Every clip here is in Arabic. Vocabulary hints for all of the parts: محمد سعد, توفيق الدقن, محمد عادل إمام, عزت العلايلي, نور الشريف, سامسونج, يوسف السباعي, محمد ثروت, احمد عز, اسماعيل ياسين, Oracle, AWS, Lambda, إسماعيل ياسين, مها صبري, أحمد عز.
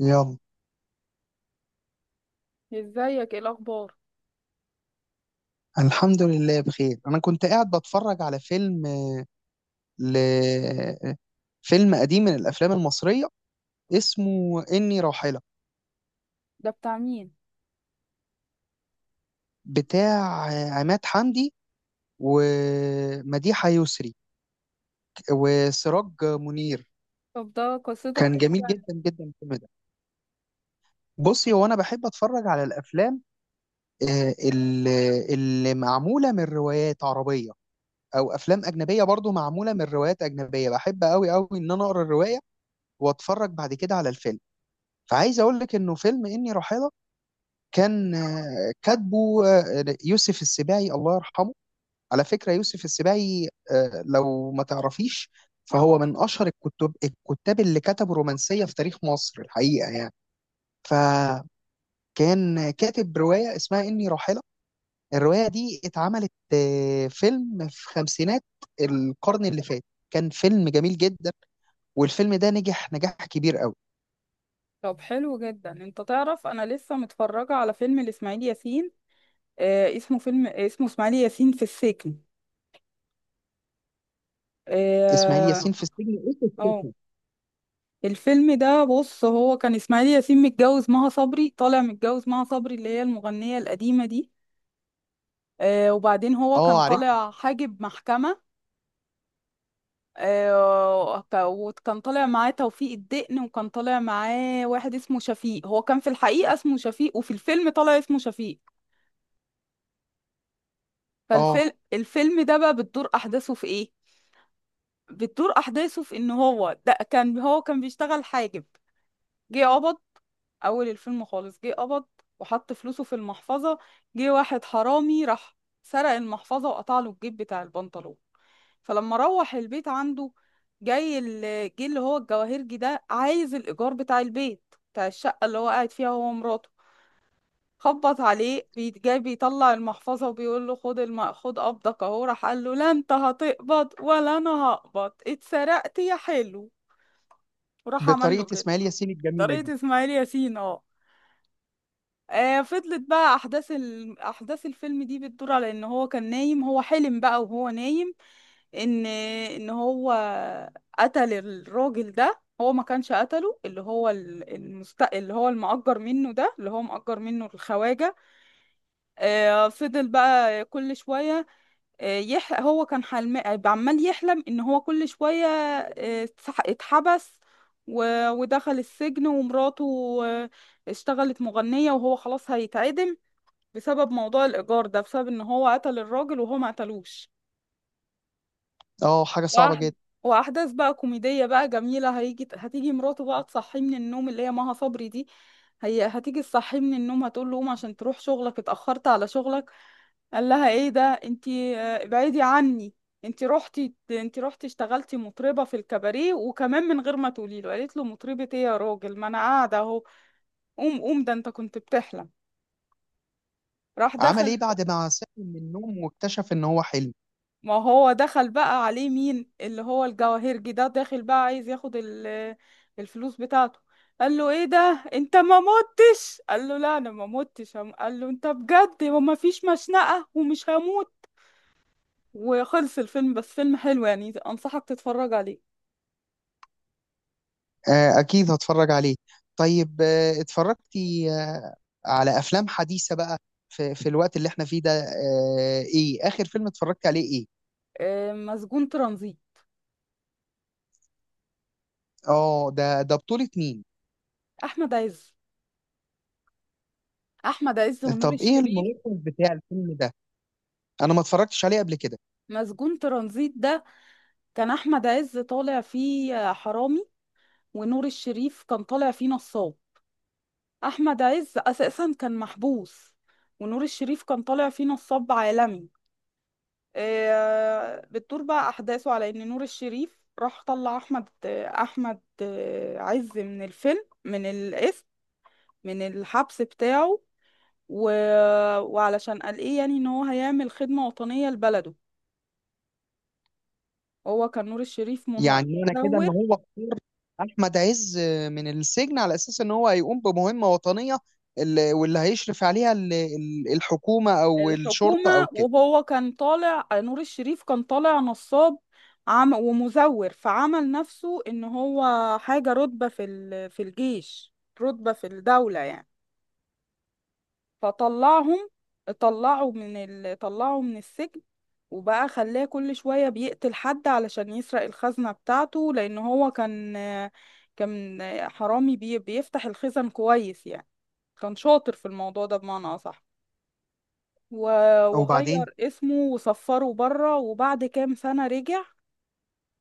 يلا، ازيك، ايه الاخبار؟ الحمد لله بخير. انا كنت قاعد بتفرج على فيلم ل... فيلم قديم من الافلام المصريه، اسمه اني راحله، ده بتاع مين؟ بتاع عماد حمدي ومديحه يسري وسراج منير. طب ده قصته كان بتحكي جميل عن- جدا جدا الفيلم ده. بصي، هو انا بحب اتفرج على الافلام اللي معموله من روايات عربيه، او افلام اجنبيه برضو معموله من روايات اجنبيه. بحب قوي قوي ان انا اقرا الروايه واتفرج بعد كده على الفيلم. فعايز اقول لك انه فيلم اني راحله كان كاتبه يوسف السباعي الله يرحمه. على فكره، يوسف السباعي لو ما تعرفيش، فهو من اشهر الكتب، الكتاب اللي كتبوا رومانسيه في تاريخ مصر الحقيقه يعني. فكان كاتب روايه اسمها اني راحله. الروايه دي اتعملت فيلم في خمسينات القرن اللي فات. كان فيلم جميل جدا، والفيلم ده نجح نجاح كبير قوي. طب حلو جدا. انت تعرف انا لسه متفرجه على فيلم لاسماعيل ياسين. اسمه فيلم، اسمه اسماعيل ياسين في السجن. اسماعيل اه. ياسين في السجن. آه. الفيلم ده، بص، هو كان اسماعيل ياسين متجوز مها صبري، طالع متجوز مها صبري اللي هي المغنيه القديمه دي. وبعدين هو كان اه، عارف. طالع حاجب محكمه. وكان طالع معاه توفيق الدقن، وكان طالع معاه واحد اسمه شفيق. هو كان في الحقيقة اسمه شفيق، وفي الفيلم طالع اسمه شفيق. اه، فالفيلم اه الفيلم ده بقى بتدور أحداثه في إيه؟ بتدور أحداثه في إن هو ده كان، هو كان بيشتغل حاجب. جه قبض، أول الفيلم خالص جه قبض، وحط فلوسه في المحفظة. جه واحد حرامي راح سرق المحفظة، وقطع له الجيب بتاع البنطلون. فلما روح البيت عنده، جه اللي هو الجواهرجي ده، عايز الإيجار بتاع البيت، بتاع الشقة اللي هو قاعد فيها هو ومراته. جاي بيطلع المحفظة، وبيقول له: خد خد قبضك اهو. راح قال له: لا، انت هتقبض ولا انا هقبض؟ اتسرقت يا حلو، وراح عمل له بطريقه كده. اسماعيل ياسين الجميله دي. طريقة اسماعيل ياسين اه. فضلت بقى احداث الفيلم دي بتدور على ان هو كان نايم. هو حلم بقى وهو نايم ان هو قتل الراجل ده، هو ما كانش قتله. اللي هو المأجر منه ده، اللي هو مأجر منه الخواجة. آه، فضل بقى كل شوية، هو كان عمال يحلم ان هو كل شوية، اتحبس و... ودخل السجن. ومراته آه اشتغلت مغنية، وهو خلاص هيتعدم، بسبب موضوع الإيجار ده، بسبب ان هو قتل الراجل وهو ما قتلوش. اه، حاجه صعبه وأح- جدا. واحداث بقى كوميديه بقى جميله. هتيجي مراته بقى تصحيه من النوم، اللي هي مها صبري دي. هي هتيجي تصحيه من النوم، هتقول له: قوم عشان تروح شغلك، اتاخرت على شغلك. قال لها: ايه ده انتي؟ ابعدي عني، انتي رحتي، انتي رحتي اشتغلتي مطربه في الكباريه، وكمان من غير ما تقولي له. قالت له: مطربه ايه يا راجل؟ ما انا قاعده اهو، قوم قوم، ده انت كنت بتحلم. راح عمل ايه دخل، بعد ما صحي من النوم واكتشف ان هو حلم؟ ما هو دخل بقى عليه مين؟ اللي هو الجواهرجي ده، داخل بقى عايز ياخد الفلوس بتاعته. قال له: ايه ده انت ما متش؟ قال له: لا، انا ما متش. قال له: انت بجد؟ وما فيش مشنقة ومش هموت؟ وخلص الفيلم. بس فيلم حلو يعني، انصحك تتفرج عليه. آه، اكيد هتفرج عليه. طيب آه، اتفرجتي آه، على افلام حديثه بقى في الوقت اللي احنا فيه ده؟ آه، ايه اخر فيلم اتفرجت عليه، ايه؟ مسجون ترانزيت. اه، ده بطوله مين؟ احمد عز. احمد عز ونور طب ايه الشريف. الملخص بتاع الفيلم ده؟ انا ما اتفرجتش عليه قبل كده. مسجون ترانزيت ده، كان احمد عز طالع فيه حرامي، ونور الشريف كان طالع فيه نصاب. احمد عز اساسا كان محبوس، ونور الشريف كان طالع فيه نصاب عالمي. بتدور بقى احداثه على ان نور الشريف راح طلع احمد احمد آه، عز من الفيلم من الاسم، من الحبس بتاعه. و... وعلشان قال ايه يعني، ان هو هيعمل خدمة وطنية لبلده. هو كان نور الشريف يعني من- معنى كده ان مزور. هو اختار احمد عز من السجن على اساس ان هو هيقوم بمهمه وطنيه، واللي هيشرف عليها الحكومه او الشرطه او الحكومة، كده. وهو كان طالع، نور الشريف كان طالع نصاب عم ومزور، فعمل نفسه ان هو حاجة، رتبة في الجيش، رتبة في الدولة يعني. فطلعهم، طلعوا من السجن. وبقى خلاه كل شوية بيقتل حد علشان يسرق الخزنة بتاعته، لأن هو كان بيفتح الخزن كويس يعني، كان شاطر في الموضوع ده بمعنى أصح. وبعدين وغير اسمه وصفره بره، وبعد كام سنة رجع،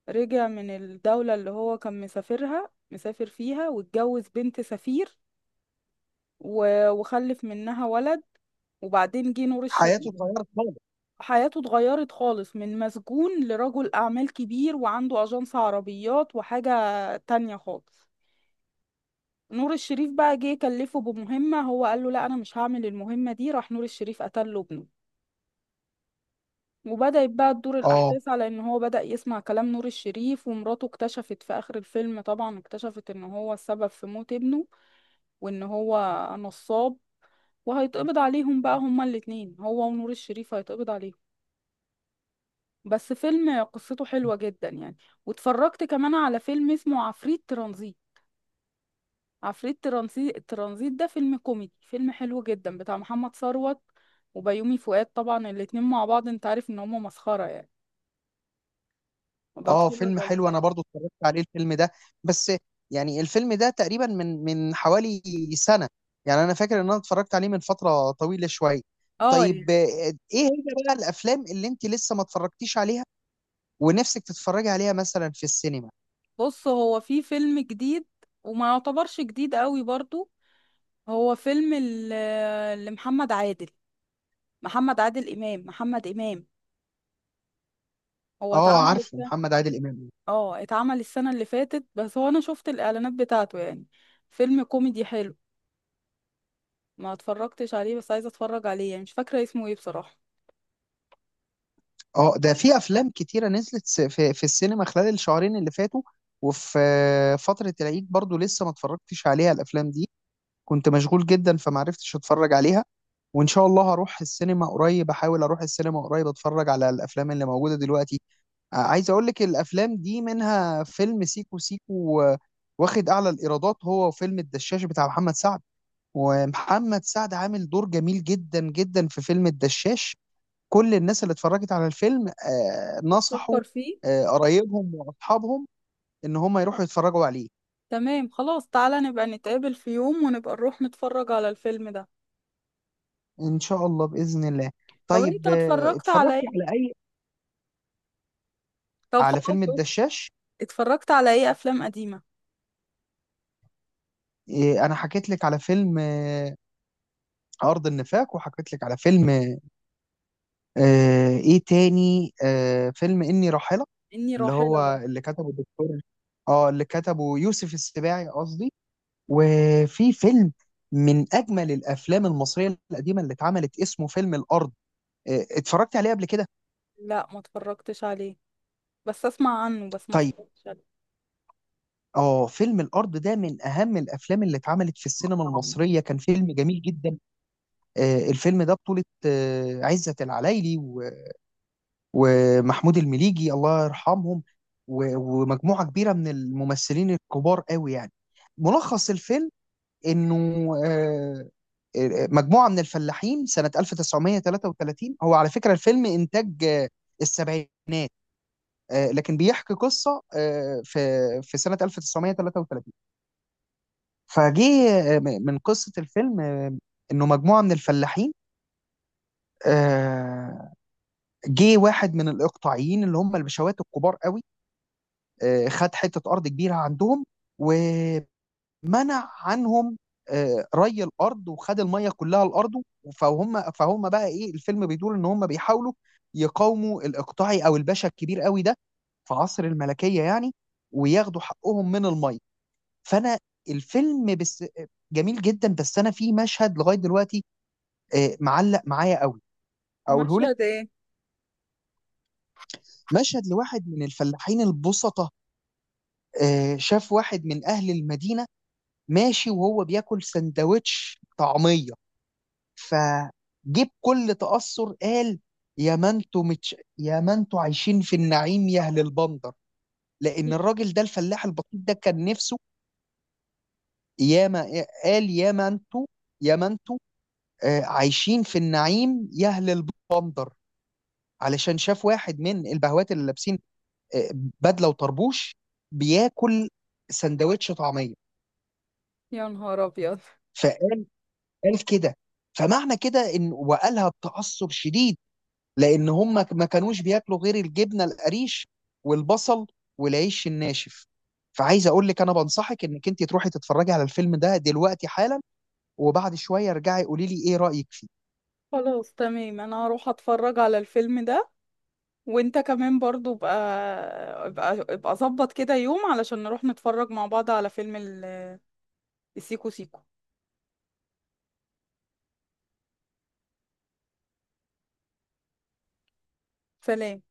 رجع من الدولة اللي هو كان مسافرها، مسافر فيها، واتجوز بنت سفير، وخلف منها ولد. وبعدين جه نور حياته الشريف. اتغيرت خالص. حياته اتغيرت خالص، من مسجون لرجل أعمال كبير، وعنده أجنس عربيات وحاجة تانية خالص. نور الشريف بقى جه كلفه بمهمة، هو قال له: لا، أنا مش هعمل المهمة دي. راح نور الشريف قتل له ابنه، وبدأت بقى تدور اه الأحداث على إن هو بدأ يسمع كلام نور الشريف. ومراته اكتشفت في آخر الفيلم طبعا، اكتشفت إن هو السبب في موت ابنه، وإن هو نصاب. وهيتقبض عليهم بقى هما الاتنين، هو ونور الشريف هيتقبض عليهم. بس فيلم قصته حلوة جدا يعني. واتفرجت كمان على فيلم اسمه عفريت ترانزيت. عفريت ترانزيت ده فيلم كوميدي، فيلم حلو جدا، بتاع محمد ثروت وبيومي فؤاد. طبعا الاتنين مع بعض انت عارف ان هما مسخرة يعني. اه، وبتفرج فيلم عليه. حلو. انا برضو اتفرجت عليه الفيلم ده، بس يعني الفيلم ده تقريبا من حوالي سنه. يعني انا فاكر ان انا اتفرجت عليه من فتره طويله شويه. اه. طيب آه، ايه هي بقى الافلام اللي انت لسه ما اتفرجتيش عليها ونفسك تتفرجي عليها مثلا في السينما؟ بص، هو في فيلم جديد، وما يعتبرش جديد قوي برضو. هو فيلم لمحمد عادل، محمد عادل إمام، محمد إمام. هو اه، اتعمل عارفه السنة. محمد عادل امام. اه، اتعمل السنة اللي فاتت. بس هو انا شفت الإعلانات بتاعته يعني، فيلم كوميدي حلو. ما اتفرجتش عليه، بس عايزة اتفرج عليه يعني. مش فاكرة اسمه ايه بصراحة. اه، ده في افلام كتيره نزلت في السينما خلال الشهرين اللي فاتوا، وفي آه، فتره العيد برضو لسه ما اتفرجتش عليها الافلام دي. كنت مشغول جدا فما عرفتش اتفرج عليها. وان شاء الله هروح السينما قريب، احاول اروح السينما قريب اتفرج على الافلام اللي موجوده دلوقتي. عايز اقول لك الافلام دي منها فيلم سيكو سيكو، واخد اعلى الايرادات هو وفيلم الدشاش بتاع محمد سعد. ومحمد سعد عامل دور جميل جدا جدا في فيلم الدشاش. كل الناس اللي اتفرجت على الفيلم نصحوا بتفكر فيه. قرايبهم واصحابهم ان هم يروحوا يتفرجوا عليه. تمام خلاص، تعالى نبقى نتقابل في يوم ونبقى نروح نتفرج على الفيلم ده. ان شاء الله باذن الله. طب انت طيب آه، اتفرجت على اتفرجتي ايه؟ على اي؟ طب على فيلم خلاص. الدشاش. اتفرجت على ايه، افلام قديمة؟ انا حكيت لك على فيلم ارض النفاق، وحكيت لك على فيلم ايه تاني، فيلم اني راحله إني اللي هو راحلة. اللي كتبه الدكتور، اه، اللي كتبه يوسف السباعي قصدي. وفي فيلم من اجمل الافلام المصريه القديمه اللي اتعملت، اسمه فيلم الارض. اتفرجت عليه قبل كده؟ لا، ما اتفرجتش عليه، بس اسمع عنه، بس ما طيب، اتفرجتش عليه. اه فيلم الارض ده من اهم الافلام اللي اتعملت في السينما المصريه. كان فيلم جميل جدا. الفيلم ده بطوله عزت العلايلي ومحمود المليجي الله يرحمهم، و- ومجموعه كبيره من الممثلين الكبار قوي يعني. ملخص الفيلم انه آه، مجموعه من الفلاحين سنه 1933. هو على فكره الفيلم انتاج السبعينات، لكن بيحكي قصه في سنه 1933. فجه من قصه الفيلم، انه مجموعه من الفلاحين، آه، جه واحد من الاقطاعيين اللي هم البشوات الكبار قوي، خد حته ارض كبيره عندهم، ومنع عنهم ري الارض، وخد الميه كلها لارضه. فهم بقى ايه، الفيلم بيدور ان هم بيحاولوا يقاوموا الاقطاعي او الباشا الكبير قوي ده في عصر الملكيه يعني، وياخدوا حقهم من الميه. فانا الفيلم بس جميل جدا، بس انا في مشهد لغايه دلوقتي معلق معايا قوي، اقوله مشهد لك. ايه؟ مشهد لواحد من الفلاحين البسطة، شاف واحد من اهل المدينه ماشي وهو بياكل سندوتش طعميه. فجيب كل تاثر قال: يا ما انتوا عايشين في النعيم يا اهل البندر. لان ي- الراجل ده الفلاح البسيط ده كان نفسه. ياما قال: يا ما انتوا يا ما انتوا آه، عايشين في النعيم يهل البندر، علشان شاف واحد من البهوات اللي لابسين آه، بدله وطربوش بياكل سندوتش طعميه. يا نهار ابيض. فقال قال كده. فمعنى كده ان، وقالها بتعصب شديد، لان هم ما كانوش بياكلوا غير الجبنه القريش والبصل والعيش الناشف. فعايز اقول لك انا بنصحك انك انت تروحي تتفرجي على الفيلم ده دلوقتي حالا، وبعد شويه ارجعي قولي لي ايه رايك فيه. خلاص تمام، انا هروح اتفرج على الفيلم ده. وانت كمان برضو بقى، ابقى ابقى ظبط كده يوم علشان نروح نتفرج مع بعض على فيلم السيكو سيكو. سلام.